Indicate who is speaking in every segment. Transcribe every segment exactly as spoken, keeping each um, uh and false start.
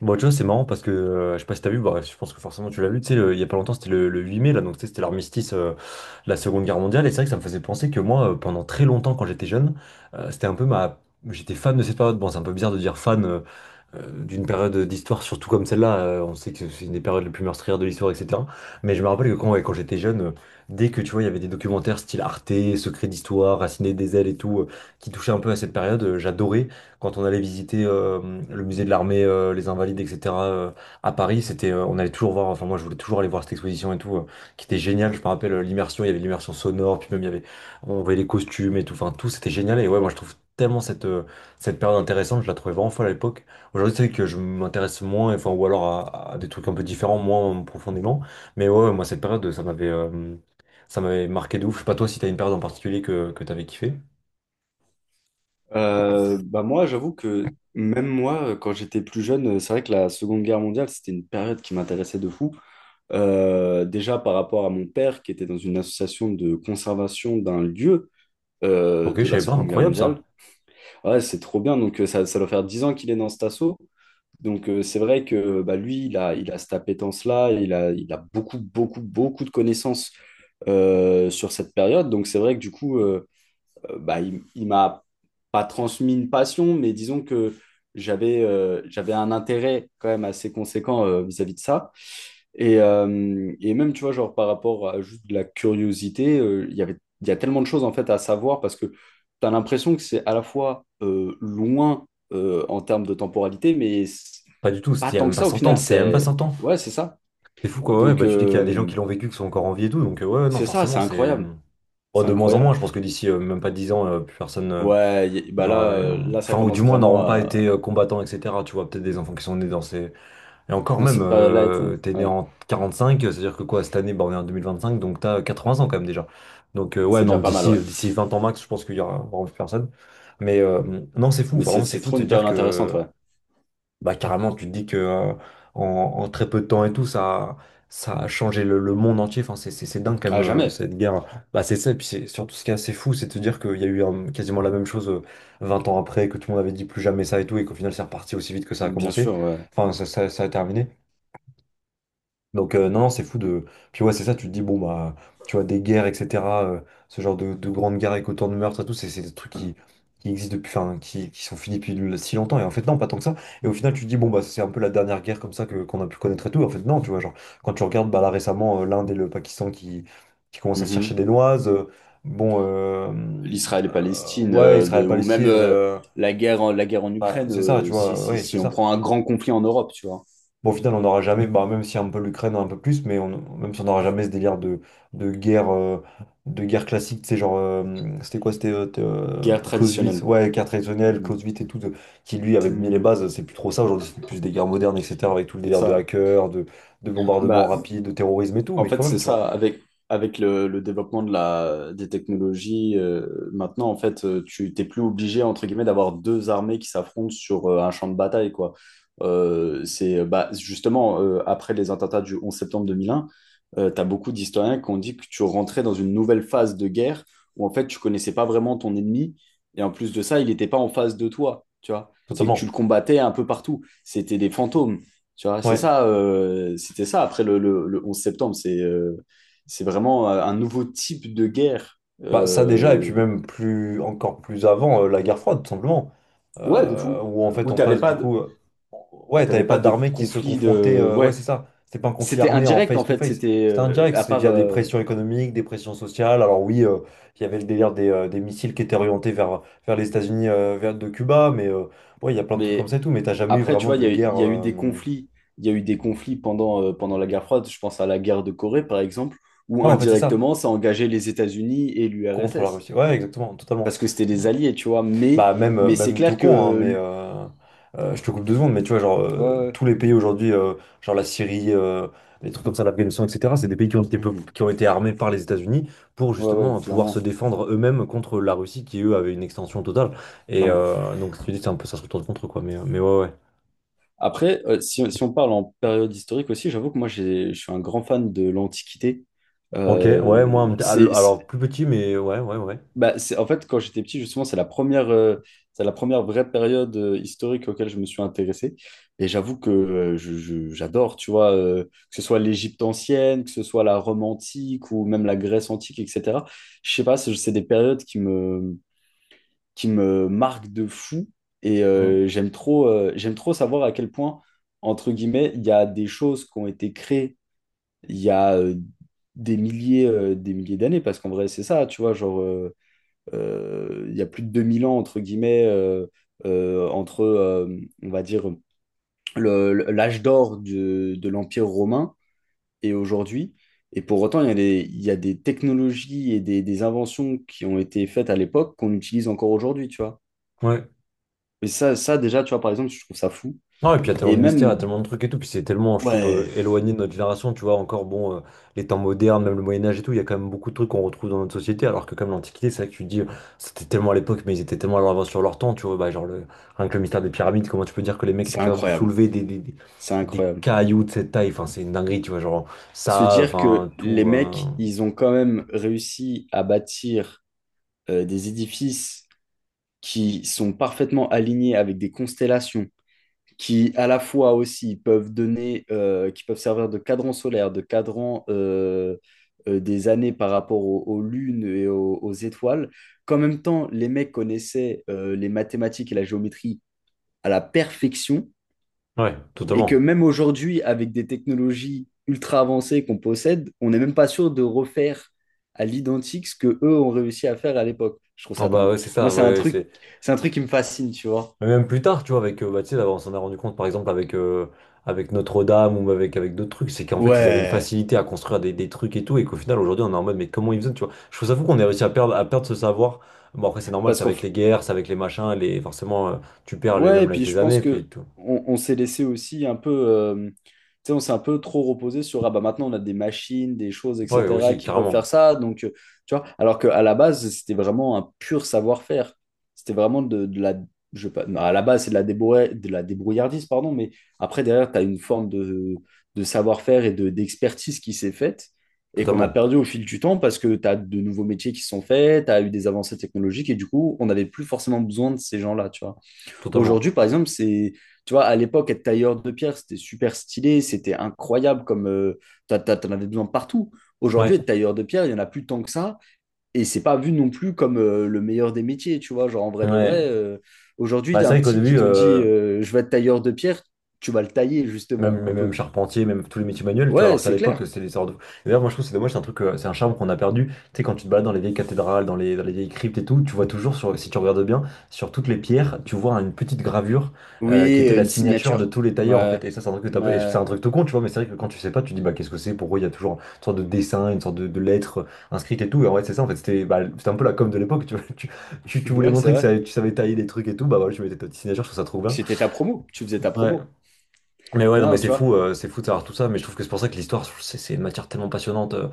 Speaker 1: Bon, tu vois, c'est marrant parce que euh, je sais pas si t'as vu, bah, je pense que forcément tu l'as vu, tu sais, le- il y a pas longtemps, c'était le, le huit mai, là, donc tu sais, c'était l'armistice euh, de la Seconde Guerre mondiale, et c'est vrai que ça me faisait penser que moi, euh, pendant très longtemps, quand j'étais jeune, euh, c'était un peu ma. J'étais fan de cette période. Bon, c'est un peu bizarre de dire fan, euh, euh, d'une période d'histoire, surtout comme celle-là. Euh, on sait que c'est une des périodes les plus meurtrières de l'histoire, et cetera. Mais je me rappelle que quand, ouais, quand j'étais jeune, euh, dès que tu vois, il y avait des documentaires style Arte, Secrets d'Histoire, Raciné des Ailes et tout, euh, qui touchaient un peu à cette période, euh, j'adorais. Quand on allait visiter euh, le musée de l'armée, euh, les Invalides, et cetera euh, À Paris, c'était, euh, on allait toujours voir, enfin moi je voulais toujours aller voir cette exposition et tout, euh, qui était géniale. Je me rappelle euh, l'immersion, il y avait l'immersion sonore, puis même il y avait, on voyait les costumes et tout, enfin tout, c'était génial. Et ouais, moi je trouve tellement cette, euh, cette période intéressante, je la trouvais vraiment folle à l'époque. Aujourd'hui, c'est vrai que je m'intéresse moins, enfin, ou alors à, à des trucs un peu différents, moins profondément. Mais ouais, moi, cette période, ça m'avait euh, ça m'avait marqué de ouf. Je sais pas toi si t'as une période en particulier que, que t'avais kiffé.
Speaker 2: Euh, bah moi, j'avoue que même moi, quand j'étais plus jeune, c'est vrai que la Seconde Guerre mondiale, c'était une période qui m'intéressait de fou. Euh, déjà par rapport à mon père, qui était dans une association de conservation d'un lieu euh,
Speaker 1: Ok, je
Speaker 2: de la
Speaker 1: savais pas,
Speaker 2: Seconde Guerre
Speaker 1: incroyable
Speaker 2: mondiale.
Speaker 1: ça.
Speaker 2: Ouais, c'est trop bien. Donc euh, ça, ça doit faire dix ans qu'il est dans cet assaut. Donc euh, c'est vrai que bah, lui, il a, il a cette appétence-là, il a, il a beaucoup, beaucoup, beaucoup de connaissances euh, sur cette période. Donc c'est vrai que du coup... euh, euh, bah, il, il m'a pas transmis une passion, mais disons que j'avais euh, j'avais un intérêt quand même assez conséquent euh, vis-à-vis de ça. Et, euh, et même, tu vois, genre par rapport à juste de la curiosité, euh, il y avait, il y a tellement de choses en fait à savoir parce que tu as l'impression que c'est à la fois euh, loin euh, en termes de temporalité, mais c'est
Speaker 1: Pas du tout,
Speaker 2: pas
Speaker 1: c'était il y a
Speaker 2: tant
Speaker 1: même
Speaker 2: que
Speaker 1: pas
Speaker 2: ça au
Speaker 1: cent
Speaker 2: final.
Speaker 1: ans, c'était il y a même pas
Speaker 2: C'est
Speaker 1: cent ans.
Speaker 2: ouais, c'est ça.
Speaker 1: C'est fou quoi, ouais,
Speaker 2: Donc,
Speaker 1: bah tu dis qu'il y a des gens
Speaker 2: euh,
Speaker 1: qui l'ont vécu, qui sont encore en vie et tout, donc euh, ouais, non,
Speaker 2: c'est ça, c'est
Speaker 1: forcément, c'est.
Speaker 2: incroyable.
Speaker 1: Oh,
Speaker 2: C'est
Speaker 1: de moins en
Speaker 2: incroyable.
Speaker 1: moins, je pense que d'ici euh, même pas dix ans, euh, plus personne euh,
Speaker 2: Ouais, y- bah
Speaker 1: n'aura.
Speaker 2: là,
Speaker 1: euh,
Speaker 2: euh, là, ça
Speaker 1: Enfin, ou du
Speaker 2: commence
Speaker 1: moins
Speaker 2: vraiment
Speaker 1: n'auront pas
Speaker 2: à
Speaker 1: été euh, combattants, et cetera. Tu vois, peut-être des enfants qui sont nés dans ces, Et encore
Speaker 2: dans
Speaker 1: même,
Speaker 2: cette période-là et
Speaker 1: euh,
Speaker 2: tout,
Speaker 1: t'es né
Speaker 2: ouais.
Speaker 1: en quarante-cinq, c'est-à-dire que quoi, cette année, bah, on est en deux mille vingt-cinq, donc t'as quatre-vingts ans quand même déjà. Donc euh, ouais,
Speaker 2: C'est
Speaker 1: non,
Speaker 2: déjà pas mal,
Speaker 1: d'ici
Speaker 2: ouais.
Speaker 1: euh, d'ici vingt ans max, je pense qu'il y aura vraiment plus personne. Mais euh, non, c'est fou,
Speaker 2: Mais c'est
Speaker 1: vraiment, c'est
Speaker 2: c'est
Speaker 1: fou de
Speaker 2: trop
Speaker 1: se
Speaker 2: une
Speaker 1: dire
Speaker 2: période intéressante,
Speaker 1: que,
Speaker 2: ouais.
Speaker 1: bah carrément, tu te dis que euh, en, en très peu de temps et tout, ça, ça a changé le, le monde entier. Enfin, c'est c'est- c'est dingue quand même,
Speaker 2: À
Speaker 1: euh,
Speaker 2: jamais,
Speaker 1: cette guerre. Bah c'est ça, et puis c'est surtout ce qui est assez fou, c'est de se dire qu'il y a eu euh, quasiment la même chose euh, vingt ans après, que tout le monde avait dit plus jamais ça et tout, et qu'au final, c'est reparti aussi vite que ça a
Speaker 2: bien
Speaker 1: commencé.
Speaker 2: sûr, ouais.
Speaker 1: Enfin, ça, ça, ça a terminé. Donc euh, non, non, c'est fou de... Puis ouais, c'est ça, tu te dis, bon, bah, tu vois, des guerres, et cetera, euh, ce genre de, de grandes guerres avec autant de meurtres et tout, c'est c'est des trucs qui, qui existent depuis, enfin, qui, qui sont finis depuis le- si longtemps, et en fait non, pas tant que ça. Et au final, tu te dis, bon, bah, c'est un peu la dernière guerre comme ça que, qu'on a pu connaître et tout, en fait non, tu vois, genre, quand tu regardes, bah, là récemment, euh, l'Inde et le Pakistan qui, qui commencent à se chercher
Speaker 2: Mhm.
Speaker 1: des noises, euh, bon, euh,
Speaker 2: L'Israël et
Speaker 1: euh,
Speaker 2: Palestine,
Speaker 1: ouais,
Speaker 2: euh, de- ou même,
Speaker 1: Israël-Palestine,
Speaker 2: euh,
Speaker 1: euh,
Speaker 2: la guerre en, la guerre en
Speaker 1: bah,
Speaker 2: Ukraine,
Speaker 1: c'est ça, tu
Speaker 2: euh, si,
Speaker 1: vois,
Speaker 2: si,
Speaker 1: ouais, c'est
Speaker 2: si on
Speaker 1: ça.
Speaker 2: prend un grand conflit en Europe, tu vois.
Speaker 1: Bon, au final, on n'aura jamais, bah, même si un peu l'Ukraine un peu plus, mais on, même si on n'aura jamais ce délire de, de guerre, euh, de guerre classique, tu sais, genre, euh, c'était quoi, c'était euh, t- euh,
Speaker 2: Guerre
Speaker 1: Clausewitz,
Speaker 2: traditionnelle.
Speaker 1: ouais, guerre traditionnelle,
Speaker 2: Mhm.
Speaker 1: Clausewitz et tout, de- qui lui avait mis les
Speaker 2: Mhm.
Speaker 1: bases, c'est plus trop ça aujourd'hui, c'est plus des guerres modernes, et cetera, avec tout le
Speaker 2: C'est
Speaker 1: délire de
Speaker 2: ça.
Speaker 1: hackers, de, de bombardements
Speaker 2: Bah,
Speaker 1: rapides, de terrorisme et tout,
Speaker 2: en
Speaker 1: mais
Speaker 2: fait,
Speaker 1: quand même,
Speaker 2: c'est
Speaker 1: tu vois,
Speaker 2: ça, avec, avec le, le développement de la, des technologies, euh, maintenant, en fait, euh, tu t'es plus obligé, entre guillemets, d'avoir deux armées qui s'affrontent sur euh, un champ de bataille, quoi. Euh, c'est bah, justement, euh, après les attentats du onze septembre deux mille un, euh, tu as beaucoup d'historiens qui ont dit que tu rentrais dans une nouvelle phase de guerre où, en fait, tu connaissais pas vraiment ton ennemi, et en plus de ça, il n'était pas en face de toi, tu vois. C'est que tu le
Speaker 1: totalement.
Speaker 2: combattais un peu partout. C'était des fantômes. Tu vois, c'est
Speaker 1: Ouais.
Speaker 2: ça, euh, c'était ça après le, le- le onze septembre. C'est euh, c'est vraiment euh, un nouveau type de guerre.
Speaker 1: Bah ça déjà, et puis
Speaker 2: Euh,
Speaker 1: même plus encore plus avant, euh, la guerre froide, tout simplement.
Speaker 2: ouais, de
Speaker 1: Euh,
Speaker 2: fou.
Speaker 1: où en fait
Speaker 2: Où
Speaker 1: on
Speaker 2: t'avais
Speaker 1: passe du
Speaker 2: pas de,
Speaker 1: coup. euh,
Speaker 2: où
Speaker 1: Ouais, t'avais
Speaker 2: t'avais
Speaker 1: pas
Speaker 2: pas de
Speaker 1: d'armée qui se
Speaker 2: conflit
Speaker 1: confrontait.
Speaker 2: de.
Speaker 1: Euh, ouais,
Speaker 2: Ouais.
Speaker 1: c'est ça. C'était pas un conflit
Speaker 2: C'était
Speaker 1: armé en
Speaker 2: indirect en fait.
Speaker 1: face-to-face.
Speaker 2: C'était
Speaker 1: C'était
Speaker 2: euh,
Speaker 1: indirect,
Speaker 2: à
Speaker 1: c'est
Speaker 2: part.
Speaker 1: via des
Speaker 2: Euh,
Speaker 1: pressions économiques, des pressions sociales. Alors oui, euh, il y avait le délire des, euh, des missiles qui étaient orientés vers, vers les États-Unis, euh, vers de Cuba, mais euh, ouais, il y a plein de trucs comme
Speaker 2: mais
Speaker 1: ça et tout, mais t'as jamais eu
Speaker 2: après, tu
Speaker 1: vraiment
Speaker 2: vois, il
Speaker 1: de
Speaker 2: y a, il
Speaker 1: guerre.
Speaker 2: y a eu des
Speaker 1: euh,
Speaker 2: conflits. Il y a eu des conflits pendant, euh, pendant la guerre froide. Je pense à la guerre de Corée, par exemple, où
Speaker 1: Ouais, en fait, c'est ça,
Speaker 2: indirectement, ça engageait les États-Unis et
Speaker 1: contre la
Speaker 2: l'U R S S.
Speaker 1: Russie. Ouais, exactement, totalement.
Speaker 2: Parce que c'était des alliés, tu vois. Mais,
Speaker 1: Bah même, euh,
Speaker 2: mais c'est
Speaker 1: même tout
Speaker 2: clair
Speaker 1: con, hein, mais
Speaker 2: que.
Speaker 1: euh, euh, je te coupe deux secondes, mais tu vois, genre
Speaker 2: Ouais,
Speaker 1: euh,
Speaker 2: ouais.
Speaker 1: tous les pays aujourd'hui, euh, genre la Syrie, euh, les trucs comme ça, l'Afghanistan, et cetera, c'est des pays qui ont été, peu-
Speaker 2: Mhm.
Speaker 1: qui ont été armés par les États-Unis pour
Speaker 2: Ouais, ouais,
Speaker 1: justement euh, pouvoir se
Speaker 2: clairement,
Speaker 1: défendre eux-mêmes contre la Russie qui, eux, avait une extension totale. Et
Speaker 2: clairement.
Speaker 1: euh, donc, si tu dis, c'est un peu ça se retourne contre, quoi, mais, euh, mais ouais, ouais.
Speaker 2: Après, euh, si, si on parle en période historique aussi, j'avoue que moi, j'ai- je suis un grand fan de l'Antiquité.
Speaker 1: Ok, ouais,
Speaker 2: Euh,
Speaker 1: moi, un petit-
Speaker 2: c'est, c'est-
Speaker 1: alors plus petit, mais ouais, ouais, ouais.
Speaker 2: Bah, c'est, en fait, quand j'étais petit, justement, c'est la première, euh, c'est la première vraie période euh, historique auquel je me suis intéressé. Et j'avoue que euh, je- je- j'adore, tu vois, euh, que ce soit l'Égypte ancienne, que ce soit la Rome antique ou même la Grèce antique, et cetera. Je sais pas, c'est c'est des périodes qui me, qui me marque de fou. Et
Speaker 1: Mm.
Speaker 2: euh, j'aime trop, euh, j'aime trop savoir à quel point, entre guillemets, il y a des choses qui ont été créées il y a euh, des milliers, euh, des milliers d'années. Parce qu'en vrai, c'est ça, tu vois, genre, euh, euh, il y a plus de deux mille ans, entre guillemets, euh, euh, entre, euh, on va dire, le- le- l'âge d'or de, de l'Empire romain et aujourd'hui. Et pour autant, il y a des, il y a des technologies et des, des inventions qui ont été faites à l'époque qu'on utilise encore aujourd'hui, tu vois.
Speaker 1: Ouais.
Speaker 2: Mais ça, ça, déjà, tu vois, par exemple, je trouve ça fou.
Speaker 1: Non, et puis il y a tellement
Speaker 2: Et
Speaker 1: de mystères, il y a
Speaker 2: même,
Speaker 1: tellement de trucs et tout, puis c'est tellement, je trouve,
Speaker 2: ouais,
Speaker 1: euh, éloigné de notre génération, tu vois, encore, bon, euh, les temps modernes, même le Moyen-Âge et tout, il y a quand même beaucoup de trucs qu'on retrouve dans notre société, alors que comme l'Antiquité, c'est vrai que tu dis, euh, c'était tellement à l'époque, mais ils étaient tellement à l'avance sur leur temps, tu vois, bah, genre, le, rien que le mystère des pyramides, comment tu peux dire que les mecs étaient
Speaker 2: c'est
Speaker 1: capables de
Speaker 2: incroyable.
Speaker 1: soulever des, des, des,
Speaker 2: C'est
Speaker 1: des
Speaker 2: incroyable.
Speaker 1: cailloux de cette taille, enfin, c'est une dinguerie, tu vois, genre,
Speaker 2: Se
Speaker 1: ça,
Speaker 2: dire que
Speaker 1: enfin,
Speaker 2: les
Speaker 1: tout, euh,
Speaker 2: mecs, ils ont quand même réussi à bâtir euh, des édifices qui sont parfaitement alignés avec des constellations, qui à la fois aussi peuvent donner, euh, qui peuvent servir de cadran solaire, de cadran euh, euh, des années par rapport aux, aux lunes et aux, aux étoiles, qu'en même temps, les mecs connaissaient euh, les mathématiques et la géométrie à la perfection.
Speaker 1: ouais,
Speaker 2: Et que
Speaker 1: totalement.
Speaker 2: même aujourd'hui, avec des technologies ultra avancées qu'on possède, on n'est même pas sûr de refaire à l'identique ce que eux ont réussi à faire à l'époque. Je trouve
Speaker 1: Non,
Speaker 2: ça
Speaker 1: bah,
Speaker 2: dingue.
Speaker 1: ouais, c'est
Speaker 2: Moi,
Speaker 1: ça,
Speaker 2: c'est un
Speaker 1: ouais,
Speaker 2: truc,
Speaker 1: c'est...
Speaker 2: c'est un truc qui me fascine, tu vois.
Speaker 1: Mais même plus tard, tu vois, avec, euh, bah, tu sais, là, on s'en est rendu compte, par exemple, avec, euh, avec Notre-Dame ou avec, avec d'autres trucs, c'est qu'en fait, ils avaient une
Speaker 2: Ouais.
Speaker 1: facilité à construire des, des trucs et tout, et qu'au final, aujourd'hui, on est en mode, mais comment ils faisaient, tu vois. Je trouve ça fou qu'on est réussi à perdre, à perdre ce savoir. Bon, après, c'est normal,
Speaker 2: Parce
Speaker 1: c'est
Speaker 2: qu'en
Speaker 1: avec les guerres, c'est avec les machins, les... forcément, euh, tu perds les
Speaker 2: Ouais, et
Speaker 1: mêmes avec
Speaker 2: puis
Speaker 1: les
Speaker 2: je pense
Speaker 1: années, puis
Speaker 2: que
Speaker 1: tout.
Speaker 2: on, on s'est laissé aussi un peu, euh, tu sais, on s'est un peu trop reposé sur ah bah maintenant on a des machines, des choses,
Speaker 1: Ouais,
Speaker 2: et cetera
Speaker 1: aussi,
Speaker 2: qui peuvent faire
Speaker 1: carrément,
Speaker 2: ça, donc euh, tu vois. Alors qu'à la base c'était vraiment un pur savoir-faire. C'était vraiment de, de la, je sais pas, non, à la base c'est de la débrouille, de la débrouillardise pardon, mais après derrière tu as une forme de, de savoir-faire et de d'expertise qui s'est faite et qu'on a
Speaker 1: totalement,
Speaker 2: perdu au fil du temps parce que tu as de nouveaux métiers qui se sont faits, tu as eu des avancées technologiques et du coup on n'avait plus forcément besoin de ces gens-là, tu vois.
Speaker 1: totalement.
Speaker 2: Aujourd'hui, par exemple, c'est, tu vois, à l'époque, être tailleur de pierre, c'était super stylé, c'était incroyable comme euh, t'as- t'as- t'en avais besoin partout.
Speaker 1: Ouais,
Speaker 2: Aujourd'hui, être tailleur de pierre, il n'y en a plus tant que ça, et c'est pas vu non plus comme euh, le meilleur des métiers, tu vois. Genre, en vrai de
Speaker 1: ouais.
Speaker 2: vrai, euh, aujourd'hui, il
Speaker 1: Bah,
Speaker 2: y a
Speaker 1: c'est
Speaker 2: un
Speaker 1: vrai qu'au
Speaker 2: petit qui
Speaker 1: début,
Speaker 2: te dit
Speaker 1: euh,
Speaker 2: euh, je vais être tailleur de pierre, tu vas le tailler,
Speaker 1: Même,
Speaker 2: justement,
Speaker 1: mais
Speaker 2: un peu.
Speaker 1: même charpentier, même tous les métiers manuels, tu vois,
Speaker 2: Ouais,
Speaker 1: alors qu'à
Speaker 2: c'est
Speaker 1: l'époque,
Speaker 2: clair.
Speaker 1: c'était des sortes de... Et D'ailleurs, moi, je trouve que c'est dommage, c'est un truc, euh, c'est un charme qu'on a perdu. Tu sais, quand tu te balades dans les vieilles cathédrales, dans les, dans les vieilles cryptes et tout, tu vois toujours, sur, si tu regardes bien, sur toutes les pierres, tu vois une petite gravure euh, qui
Speaker 2: Oui,
Speaker 1: était la
Speaker 2: une
Speaker 1: signature de
Speaker 2: signature.
Speaker 1: tous les tailleurs, en
Speaker 2: Ouais,
Speaker 1: fait. Et ça, c'est un truc que t'as pas- et c'est
Speaker 2: ouais,
Speaker 1: un truc tout con, tu vois, mais c'est vrai que quand tu sais pas, tu te dis, bah, qu'est-ce que c'est, pourquoi il y a toujours une sorte de dessin, une sorte de, de lettre euh, inscrite et tout. Et en fait, c'est ça, en fait, c'était bah, c'était un peu la com de l'époque, tu vois. Tu, tu, tu voulais
Speaker 2: ouais, c'est
Speaker 1: montrer que
Speaker 2: vrai.
Speaker 1: ça- tu savais tailler des trucs et tout, bah voilà, tu mettais ta petite signature, je trouve ça trop bien.
Speaker 2: C'était ta promo, tu faisais ta
Speaker 1: Ouais,
Speaker 2: promo.
Speaker 1: mais ouais, non, mais
Speaker 2: Non,
Speaker 1: c'est
Speaker 2: tu vois,
Speaker 1: fou, euh, c'est fou de savoir tout ça, mais je trouve que c'est pour ça que l'histoire, c'est c'est une matière tellement passionnante. euh,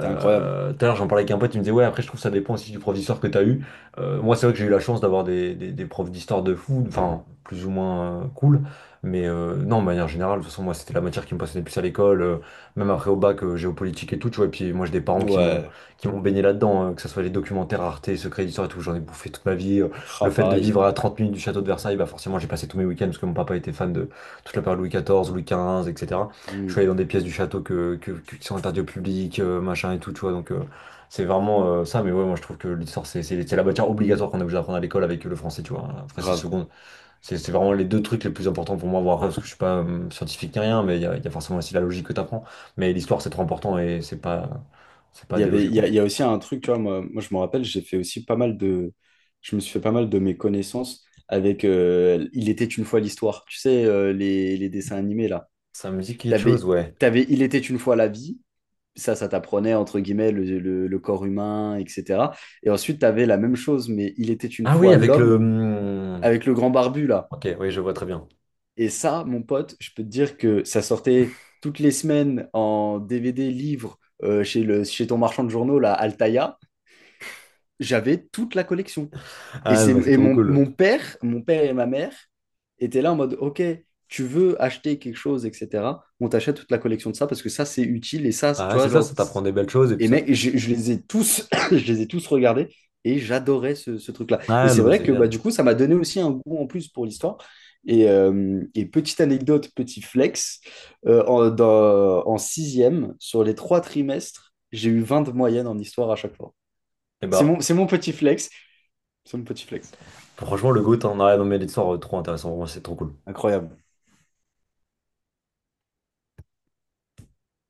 Speaker 2: c'est incroyable.
Speaker 1: Tout à l'heure, j'en parlais avec un pote, il me disait, ouais, après, je trouve que ça dépend aussi du prof d'histoire que t'as eu. Euh, moi, c'est vrai que j'ai eu la chance d'avoir des, des, des profs d'histoire de fou, enfin, plus ou moins euh, cool, mais euh, non, de manière générale, de toute façon, moi, c'était la matière qui me passionnait le plus à l'école, euh, même après au bac, euh, géopolitique et tout, tu vois, et puis moi, j'ai des parents qui m'ont
Speaker 2: Ouais,
Speaker 1: qui m'ont baigné là-dedans, euh, que ce soit les documentaires Arte, Secrets d'Histoire et tout, j'en ai bouffé toute ma vie. Euh, le
Speaker 2: ah,
Speaker 1: fait de
Speaker 2: pareil.
Speaker 1: vivre à trente minutes du château de Versailles, bah forcément j'ai passé tous mes week-ends parce que mon papa était fan de, toute la période Louis quatorze, Louis quinze, et cetera. Je
Speaker 2: Hmm.
Speaker 1: suis allé dans des pièces du château que, que- que- qui sont interdites au public, euh, machin et tout, tu vois. Donc, euh, c'est vraiment euh, ça. Mais ouais, moi, je trouve que l'histoire, c'est c'est- c'est la matière obligatoire qu'on est obligé d'apprendre à l'école avec le français, tu vois. Après, c'est
Speaker 2: Grave.
Speaker 1: seconde. C'est c'est vraiment les deux trucs les plus importants pour moi, voir, parce que je suis pas euh, scientifique ni rien, mais il y a, il y a forcément aussi la logique que tu apprends. Mais l'histoire, c'est trop important et c'est pas, c'est pas à
Speaker 2: Il y avait,
Speaker 1: déloger,
Speaker 2: il y a,
Speaker 1: quoi.
Speaker 2: il y a aussi un truc, tu vois, moi, moi je me rappelle, j'ai fait aussi pas mal de, je me suis fait pas mal de mes connaissances avec euh, Il était une fois l'histoire, tu sais, euh, les, les dessins animés là.
Speaker 1: Ça me dit quelque
Speaker 2: T'avais,
Speaker 1: chose, ouais.
Speaker 2: t'avais Il était une fois la vie, ça, ça t'apprenait entre guillemets le, le- le corps humain, et cetera. Et ensuite, t'avais la même chose, mais Il était une
Speaker 1: Ah oui,
Speaker 2: fois
Speaker 1: avec le.
Speaker 2: l'homme
Speaker 1: Hum,
Speaker 2: avec le grand barbu là.
Speaker 1: Ok, oui, je vois très bien.
Speaker 2: Et ça, mon pote, je peux te dire que ça sortait toutes les semaines en D V D, livre, euh, chez le, chez ton marchand de journaux là, Altaïa. J'avais toute la collection. Et,
Speaker 1: Ah, non,
Speaker 2: c'est,
Speaker 1: mais c'est
Speaker 2: et
Speaker 1: trop
Speaker 2: mon,
Speaker 1: cool.
Speaker 2: mon père, mon père et ma mère étaient là en mode, OK, tu veux acheter quelque chose, et cetera. On t'achète toute la collection de ça parce que ça, c'est utile. Et ça,
Speaker 1: Ah,
Speaker 2: tu
Speaker 1: ouais, c'est
Speaker 2: vois,
Speaker 1: ça,
Speaker 2: genre,
Speaker 1: ça t'apprend des belles choses et puis
Speaker 2: et
Speaker 1: ça te
Speaker 2: mec, je, je les ai tous, je les ai tous regardés et j'adorais ce, ce truc-là. Et
Speaker 1: Ah
Speaker 2: c'est
Speaker 1: non mais
Speaker 2: vrai
Speaker 1: c'est
Speaker 2: que bah,
Speaker 1: génial.
Speaker 2: du coup, ça m'a donné aussi un goût en plus pour l'histoire. Et, euh, et petite anecdote, petit flex, euh, en, dans- en sixième, sur les trois trimestres, j'ai eu vingt de moyenne en histoire à chaque fois.
Speaker 1: Et
Speaker 2: C'est
Speaker 1: ben
Speaker 2: mon, c'est mon petit flex. Son petit flex.
Speaker 1: franchement le GOAT, hein. Ah, non mais l'histoire euh, trop intéressante, vraiment, c'est trop cool.
Speaker 2: Incroyable.